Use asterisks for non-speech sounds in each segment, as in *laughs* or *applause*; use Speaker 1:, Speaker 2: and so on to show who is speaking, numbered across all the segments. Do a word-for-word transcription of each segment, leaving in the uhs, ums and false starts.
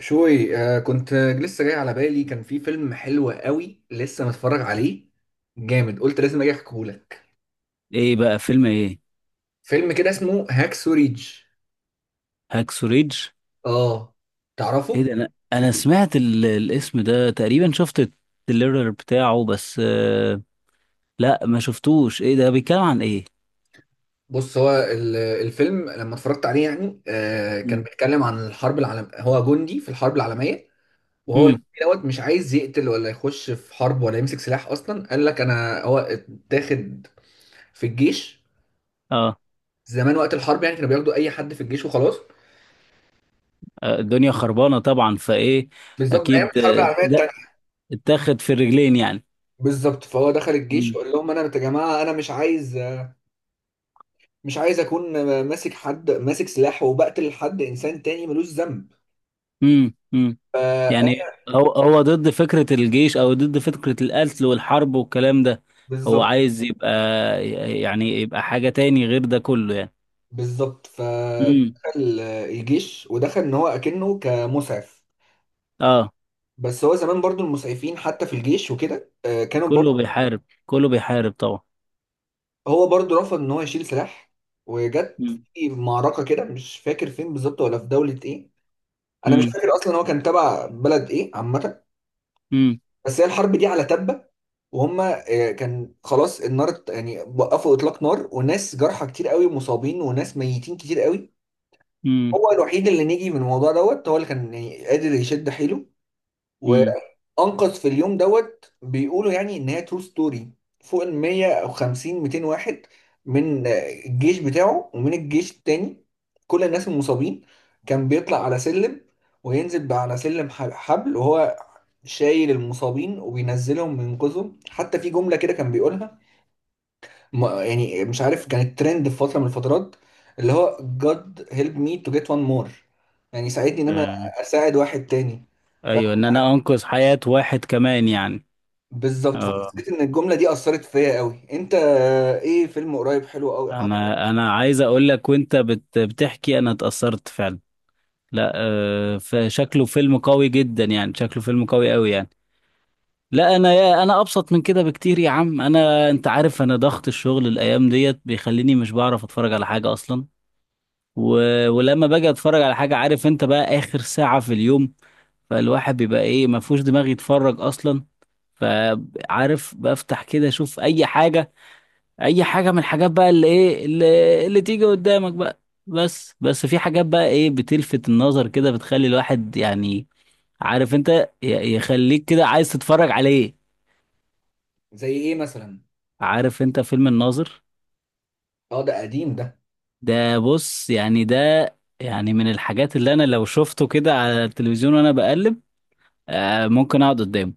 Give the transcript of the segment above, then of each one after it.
Speaker 1: شوي آه كنت لسه جاي على بالي، كان في فيلم حلو قوي لسه متفرج عليه جامد. قلت لازم اجي احكيهولك.
Speaker 2: ايه بقى فيلم ايه؟
Speaker 1: فيلم كده اسمه هاكسو ريدج.
Speaker 2: هاكسو ريدج.
Speaker 1: اه
Speaker 2: ايه
Speaker 1: تعرفه؟
Speaker 2: ده؟ انا انا سمعت ال... الاسم ده تقريبا، شفت التريلر بتاعه، بس آه... لا ما شفتوش. ايه ده بيتكلم عن ايه؟
Speaker 1: بص، هو ال- الفيلم لما اتفرجت عليه يعني آه كان بيتكلم عن الحرب العالم، هو جندي في الحرب العالمية. وهو الجندي
Speaker 2: امم.
Speaker 1: دوت مش عايز يقتل ولا يخش في حرب ولا يمسك سلاح اصلا. قال لك انا هو اتاخد في الجيش
Speaker 2: اه.
Speaker 1: زمان وقت الحرب، يعني كانوا بياخدوا اي حد في الجيش وخلاص.
Speaker 2: آه، الدنيا خربانة طبعا، فايه؟
Speaker 1: بالظبط ايام
Speaker 2: اكيد.
Speaker 1: الحرب
Speaker 2: آه،
Speaker 1: العالميه.
Speaker 2: ده اتاخد في الرجلين يعني.
Speaker 1: بالظبط، فهو دخل الجيش
Speaker 2: امم.
Speaker 1: قال لهم انا يا جماعه انا مش عايز مش عايز اكون ماسك حد ماسك سلاح وبقتل حد، انسان تاني ملوش ذنب.
Speaker 2: امم. أمم.
Speaker 1: ف
Speaker 2: يعني هو هو ضد فكرة الجيش او ضد فكرة القتل والحرب والكلام ده، هو
Speaker 1: بالظبط
Speaker 2: عايز يبقى، يعني يبقى حاجة تاني غير ده كله يعني.
Speaker 1: بالظبط،
Speaker 2: امم.
Speaker 1: فدخل الجيش ودخل ان هو اكنه كمسعف.
Speaker 2: اه.
Speaker 1: بس هو زمان برضو المسعفين حتى في الجيش وكده آه، كانوا
Speaker 2: كله
Speaker 1: برضو
Speaker 2: بيحارب، كله بيحارب طبعا.
Speaker 1: هو برضو رفض ان هو يشيل سلاح. وجت
Speaker 2: مم.
Speaker 1: في معركه كده، مش فاكر فين بالظبط ولا في دوله ايه، انا مش
Speaker 2: امم.
Speaker 1: فاكر اصلا هو كان تبع بلد ايه عامه.
Speaker 2: امم.
Speaker 1: بس هي الحرب دي على تبة، وهم آه، كان خلاص النار ات- يعني وقفوا اطلاق نار، وناس جرحى كتير قوي ومصابين وناس ميتين كتير قوي.
Speaker 2: امم.
Speaker 1: هو الوحيد اللي نجي من الموضوع دوت، هو اللي كان يعني قادر يشد حيله
Speaker 2: امم.
Speaker 1: وانقذ في اليوم دوت، بيقولوا يعني ان هي ترو ستوري، فوق ال مية وخمسين ميتين واحد من آه، الجيش بتاعه ومن الجيش التاني، كل الناس المصابين. كان بيطلع على سلم وينزل بقى على سلم ح- حبل وهو شايل المصابين وبينزلهم وينقذهم. حتى في جملة كده كان بيقولها، ما- يعني مش عارف كانت ترند في فترة من الفترات، اللي هو God help me to get one more، يعني ساعدني ان انا
Speaker 2: آه.
Speaker 1: اساعد واحد تاني. ف-
Speaker 2: ايوه، ان انا انقذ حياة واحد كمان يعني.
Speaker 1: بالظبط،
Speaker 2: اه.
Speaker 1: فحسيت ان الجملة دي اثرت فيا قوي. انت ايه؟ فيلم قريب حلو قوي عجبك؟
Speaker 2: انا انا عايز اقول لك، وانت بت بتحكي انا اتأثرت فعلا. لا. آه، فشكله فيلم قوي جدا يعني، شكله فيلم قوي قوي يعني. لا انا، يا انا ابسط من كده بكتير يا عم. انا انت عارف، انا ضغط الشغل الايام ديت بيخليني مش بعرف اتفرج على حاجة اصلا. و... ولما باجي اتفرج على حاجة، عارف انت، بقى اخر ساعة في اليوم، فالواحد بيبقى ايه، ما فيهوش دماغ يتفرج اصلا. فعارف، بفتح كده اشوف اي حاجه، اي حاجه من الحاجات بقى، اللي ايه، اللي, اللي تيجي قدامك بقى. بس بس في حاجات بقى، ايه، بتلفت النظر كده، بتخلي الواحد يعني، عارف انت، ي- يخليك كده عايز تتفرج عليه.
Speaker 1: زي ايه مثلا؟
Speaker 2: عارف انت فيلم الناظر؟
Speaker 1: اه ده قديم ده.
Speaker 2: ده بص يعني، ده يعني من الحاجات اللي انا لو شفته كده على التلفزيون وانا بقلب، آه ممكن اقعد قدامه.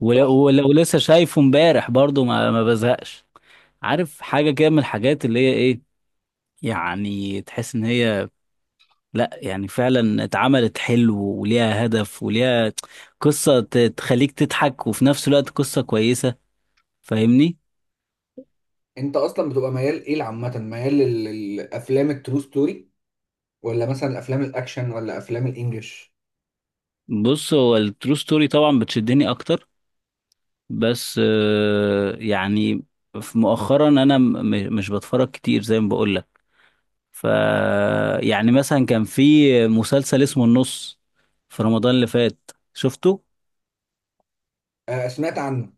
Speaker 2: ولو,
Speaker 1: تحفة.
Speaker 2: ولو لسه شايفه امبارح، برضو ما, ما بزهقش. عارف، حاجة كده من الحاجات اللي هي ايه، يعني تحس ان هي، لا، يعني فعلا اتعملت حلو وليها هدف وليها قصة ت- تخليك تضحك، وفي نفس الوقت قصة كويسة. فاهمني؟
Speaker 1: انت اصلا بتبقى ميال ايه عامة؟ ميال لل- للافلام الترو ستوري، ولا مثلا افلام الاكشن، ولا افلام الانجليش؟
Speaker 2: بص، هو الترو ستوري طبعا بتشدني اكتر، بس آه، يعني في مؤخرا انا م- م- مش بتفرج كتير زي ما بقول لك. ف يعني مثلا كان في مسلسل اسمه النص في رمضان اللي فات شفته؟
Speaker 1: آه سمعت عنه.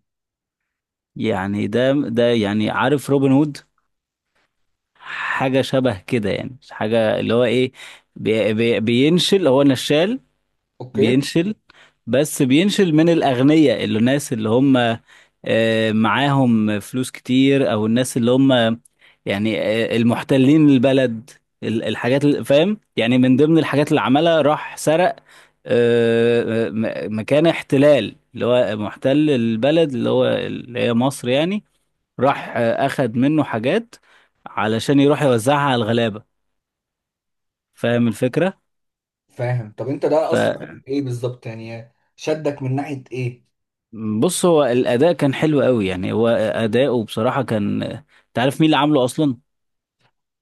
Speaker 2: يعني ده ده يعني، عارف روبن هود؟ حاجة شبه كده يعني، حاجة اللي هو ايه، بي بي بينشل، هو نشال.
Speaker 1: اوكي.
Speaker 2: بينشل، بس بينشل من الأغنياء، اللي الناس اللي هم آه، معاهم فلوس كتير، أو الناس اللي هم يعني آه، المحتلين البلد. ال- الحاجات اللي فاهم يعني، من ضمن الحاجات اللي عملها، راح سرق آه، آه، م- مكان احتلال اللي هو محتل البلد اللي هو اللي هي مصر يعني، راح آه، اخد منه حاجات علشان يروح يوزعها على الغلابة. فاهم الفكرة؟
Speaker 1: فاهم. طب انت ده اثر فيك في ايه بالظبط؟ يعني شدك من ناحيه ايه؟
Speaker 2: فبص، هو الاداء كان حلو قوي يعني، هو اداؤه بصراحة كان، انت عارف مين اللي عامله اصلا؟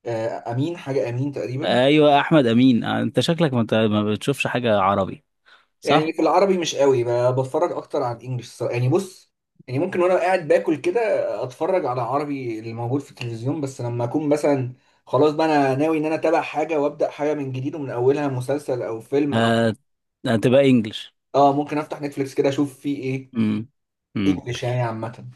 Speaker 1: آه، امين، حاجه امين تقريبا.
Speaker 2: ايوه، احمد امين. آه، انت شكلك ما, انت ما بتشوفش حاجة عربي،
Speaker 1: يعني
Speaker 2: صح؟
Speaker 1: في العربي مش قوي ب- بتفرج، اكتر على الانجليش الصراحة. يعني بص، يعني ممكن وانا قاعد باكل كده اتفرج على عربي اللي موجود في التلفزيون. بس لما اكون مثلا خلاص بقى انا ناوي ان انا اتابع حاجه وابدا حاجه من جديد ومن اولها، مسلسل او فيلم او
Speaker 2: آه، هتبقى انجلش.
Speaker 1: اه ممكن افتح نتفليكس كده اشوف فيه ايه.
Speaker 2: امم.
Speaker 1: انجليش يعني عامه.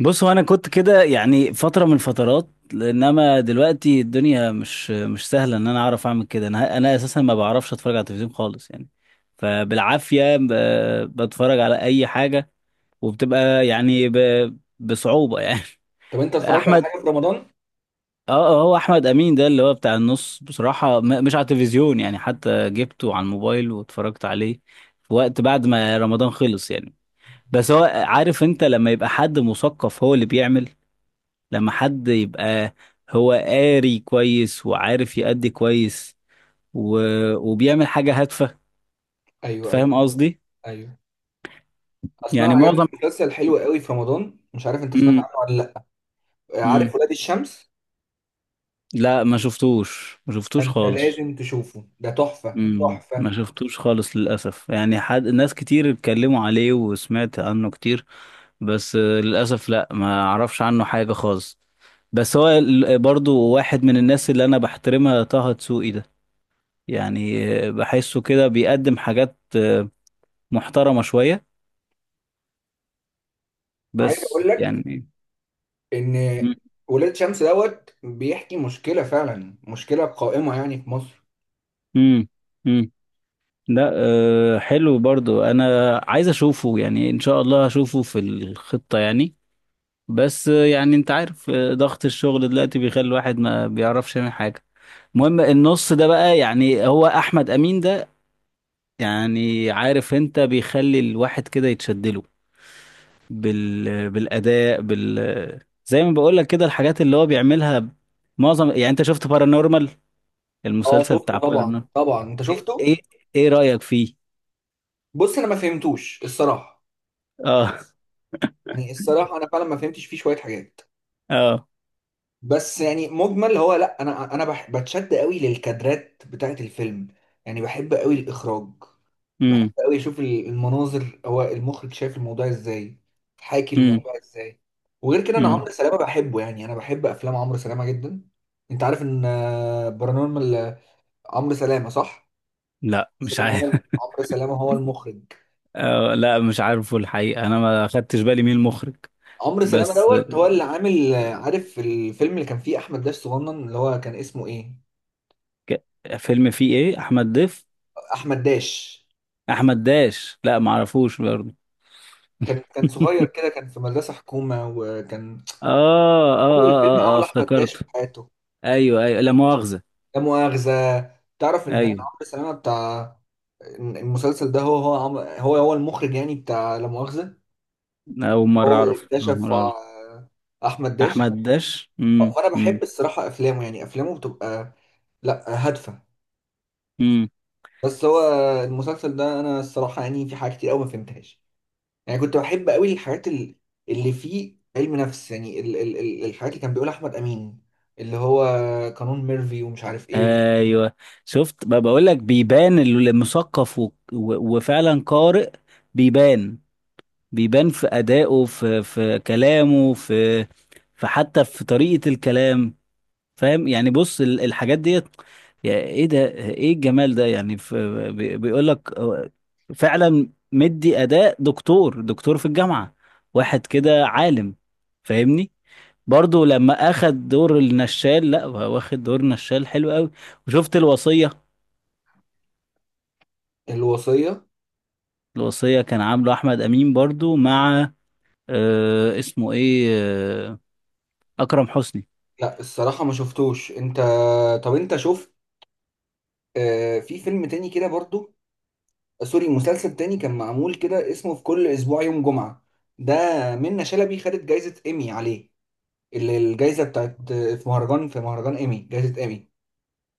Speaker 2: بص، هو انا كنت كده يعني فتره من الفترات، انما دلوقتي الدنيا مش مش سهله ان انا اعرف اعمل كده. انا انا اساسا ما بعرفش اتفرج على التلفزيون خالص يعني، فبالعافيه ب- بتفرج على اي حاجه، وبتبقى يعني ب- بصعوبه يعني.
Speaker 1: طب انت
Speaker 2: *laughs*
Speaker 1: اتفرجت على
Speaker 2: احمد.
Speaker 1: حاجه في رمضان؟
Speaker 2: اه. آه، هو احمد امين ده اللي هو بتاع النص بصراحه، م- مش على التلفزيون يعني، حتى جبته على الموبايل واتفرجت عليه في وقت بعد ما رمضان خلص يعني. بس هو عارف انت، لما يبقى حد مثقف هو اللي بيعمل، لما حد يبقى هو قاري كويس وعارف يأدي كويس و... وبيعمل حاجة هادفة.
Speaker 1: ايوه، ايوه،
Speaker 2: فاهم قصدي؟
Speaker 1: ايوه. اصل انا
Speaker 2: يعني
Speaker 1: عجبني
Speaker 2: معظم.
Speaker 1: مسلسل حلو قوي في رمضان، مش عارف انت سمعت
Speaker 2: امم.
Speaker 1: عنه ولا لا.
Speaker 2: امم.
Speaker 1: عارف ولاد الشمس؟
Speaker 2: لا، ما شفتوش، ما شفتوش
Speaker 1: انت
Speaker 2: خالص.
Speaker 1: لازم تشوفه، ده تحفه
Speaker 2: امم.
Speaker 1: تحفه.
Speaker 2: ما شفتوش خالص للأسف يعني، حد ناس كتير اتكلموا عليه وسمعت عنه كتير، بس آه، للأسف لا ما اعرفش عنه حاجة خالص. بس هو ال- برضو واحد من الناس اللي انا بحترمها طه دسوقي ده، يعني آه، بحسه كده بيقدم حاجات محترمة شوية،
Speaker 1: عايز اقول
Speaker 2: بس
Speaker 1: لك
Speaker 2: يعني.
Speaker 1: ان
Speaker 2: مم.
Speaker 1: ولاد الشمس دوت بيحكي مشكله، فعلا مشكله قائمه يعني في مصر.
Speaker 2: مم. مم. لا أه، حلو، برضو انا عايز اشوفه، يعني ان شاء الله هشوفه في الخطة يعني، بس آه، يعني انت عارف آه، ضغط الشغل دلوقتي بيخلي الواحد ما بيعرفش يعمل حاجة. المهم، النص ده بقى، يعني هو احمد امين ده، يعني عارف انت، بيخلي الواحد كده يتشدله بال... بالاداء، بال زي ما بقول لك كده، الحاجات اللي هو بيعملها معظم. يعني انت شفت بارانورمال
Speaker 1: اه
Speaker 2: المسلسل بتاع،
Speaker 1: شفته طبعا، طبعا انت
Speaker 2: ايه
Speaker 1: شفته.
Speaker 2: ايه؟ إيه رأيك فيه؟
Speaker 1: بص انا ما فهمتوش الصراحه.
Speaker 2: اه.
Speaker 1: يعني الصراحه انا فعلا ما فهمتش فيه شويه حاجات.
Speaker 2: اه.
Speaker 1: بس يعني مجمل هو لا، انا انا بح- بتشد قوي للكادرات بتاعت الفيلم. يعني بحب قوي الاخراج. بحب
Speaker 2: امم.
Speaker 1: قوي اشوف ال- المناظر. هو المخرج شايف الموضوع ازاي، حاكي
Speaker 2: امم.
Speaker 1: الموضوع ازاي. وغير كده انا
Speaker 2: امم.
Speaker 1: عمرو سلامه بحبه، يعني انا بحب افلام عمرو سلامه جدا. انت عارف ان آه، برانورمال عمرو سلامه، صح؟
Speaker 2: لا، مش
Speaker 1: سلامه، هو
Speaker 2: عارف.
Speaker 1: عمرو سلامه هو المخرج.
Speaker 2: *laughs* آه، لا، مش عارفه الحقيقة، انا ما خدتش بالي مين المخرج.
Speaker 1: عمرو سلامه
Speaker 2: بس
Speaker 1: دوت هو اللي عامل آه، عارف الفيلم اللي كان فيه احمد داش صغنن اللي هو كان اسمه ايه؟
Speaker 2: ك... فيلم فيه ايه، احمد ضيف؟
Speaker 1: احمد داش
Speaker 2: احمد داش؟ لا ما اعرفوش برضه.
Speaker 1: كان كان صغير
Speaker 2: *laughs*
Speaker 1: كده، كان في مدرسة حكومة، وكان
Speaker 2: آه, آه,
Speaker 1: أول فيلم
Speaker 2: اه اه اه،
Speaker 1: عمله أحمد داش في
Speaker 2: افتكرت.
Speaker 1: حياته،
Speaker 2: ايوه ايوه، لا مؤاخذة.
Speaker 1: لا مؤاخذة. تعرف إن
Speaker 2: ايوه.
Speaker 1: عمرو سلامة بتاع المسلسل ده هو هو عم- هو هو المخرج يعني بتاع لا مؤاخذة؟
Speaker 2: اول مرة
Speaker 1: هو اللي
Speaker 2: اعرف، اول
Speaker 1: اكتشف
Speaker 2: مرة اعرف.
Speaker 1: ع- أحمد داش.
Speaker 2: احمد داش. امم.
Speaker 1: فأنا بحب
Speaker 2: امم.
Speaker 1: الصراحة أفلامه، يعني أفلامه بتبقى لأ، هادفة.
Speaker 2: امم.
Speaker 1: بس هو المسلسل ده أنا الصراحة يعني في حاجة كتير أوي ما فهمتهاش. يعني كنت بحب قوي الحاجات ال- اللي فيه علم نفس، يعني ال- ال- ال- الحاجات اللي كان بيقولها احمد امين، اللي هو قانون ميرفي ومش عارف ايه وكده.
Speaker 2: ايوه. شفت، ما بقول لك، بيبان المثقف و... و... وفعلا قارئ. بيبان. بيبان في ادائه، في في كلامه، في في حتى في طريقة الكلام. فاهم يعني، بص ال- الحاجات ديت، يا ايه ده، ايه الجمال ده يعني في... بي- بيقول لك آه، فعلا مدي اداء دكتور، دكتور في الجامعة، واحد كده عالم. فاهمني؟ برضو لما اخد دور النشال، لا، هو واخد دور نشال حلو قوي. وشفت الوصية؟
Speaker 1: الوصية.
Speaker 2: الوصية كان عامله احمد امين برضو مع، آه اسمه ايه، آه اكرم حسني.
Speaker 1: لا الصراحة ما شفتوش انت. طب انت شفت آه في فيلم تاني كده برضو، سوري مسلسل تاني كان معمول كده اسمه في كل اسبوع يوم جمعة؟ ده منة شلبي خدت جايزة ايمي عليه، اللي الجايزة بتاعت آه، في مهرجان في مهرجان ايمي، جايزة ايمي،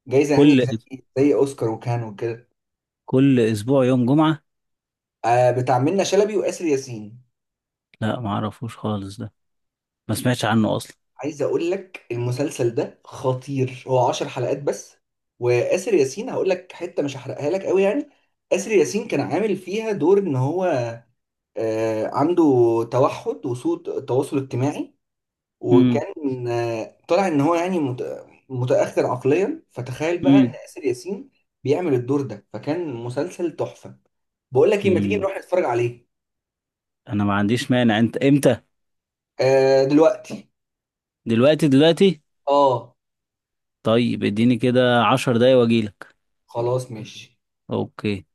Speaker 1: جايزة يعني
Speaker 2: كل
Speaker 1: زي زي اوسكار وكان وكده.
Speaker 2: كل اسبوع يوم جمعة.
Speaker 1: آه بتاع منة شلبي وآسر ياسين.
Speaker 2: لا ما اعرفوش خالص ده، ما سمعتش عنه اصلا.
Speaker 1: عايز اقول لك المسلسل ده خطير، هو عشر حلقات بس. وآسر ياسين هقول لك حتة مش هحرقها لك قوي يعني. آسر ياسين كان عامل فيها دور ان هو آه، عنده توحد وسوء تواصل اجتماعي،
Speaker 2: امم.
Speaker 1: وكان آه، طلع ان هو يعني مت- متأخر عقليا. فتخيل بقى ان
Speaker 2: امم.
Speaker 1: آسر ياسين بيعمل الدور ده، فكان مسلسل تحفة. بقول لك ايه، ما تيجي
Speaker 2: امم.
Speaker 1: نروح نتفرج عليه؟
Speaker 2: انا ما عنديش مانع، انت امتى؟
Speaker 1: آه، دلوقتي.
Speaker 2: دلوقتي؟ دلوقتي.
Speaker 1: اه
Speaker 2: طيب اديني كده عشر دقايق واجيلك.
Speaker 1: خلاص ماشي.
Speaker 2: اوكي.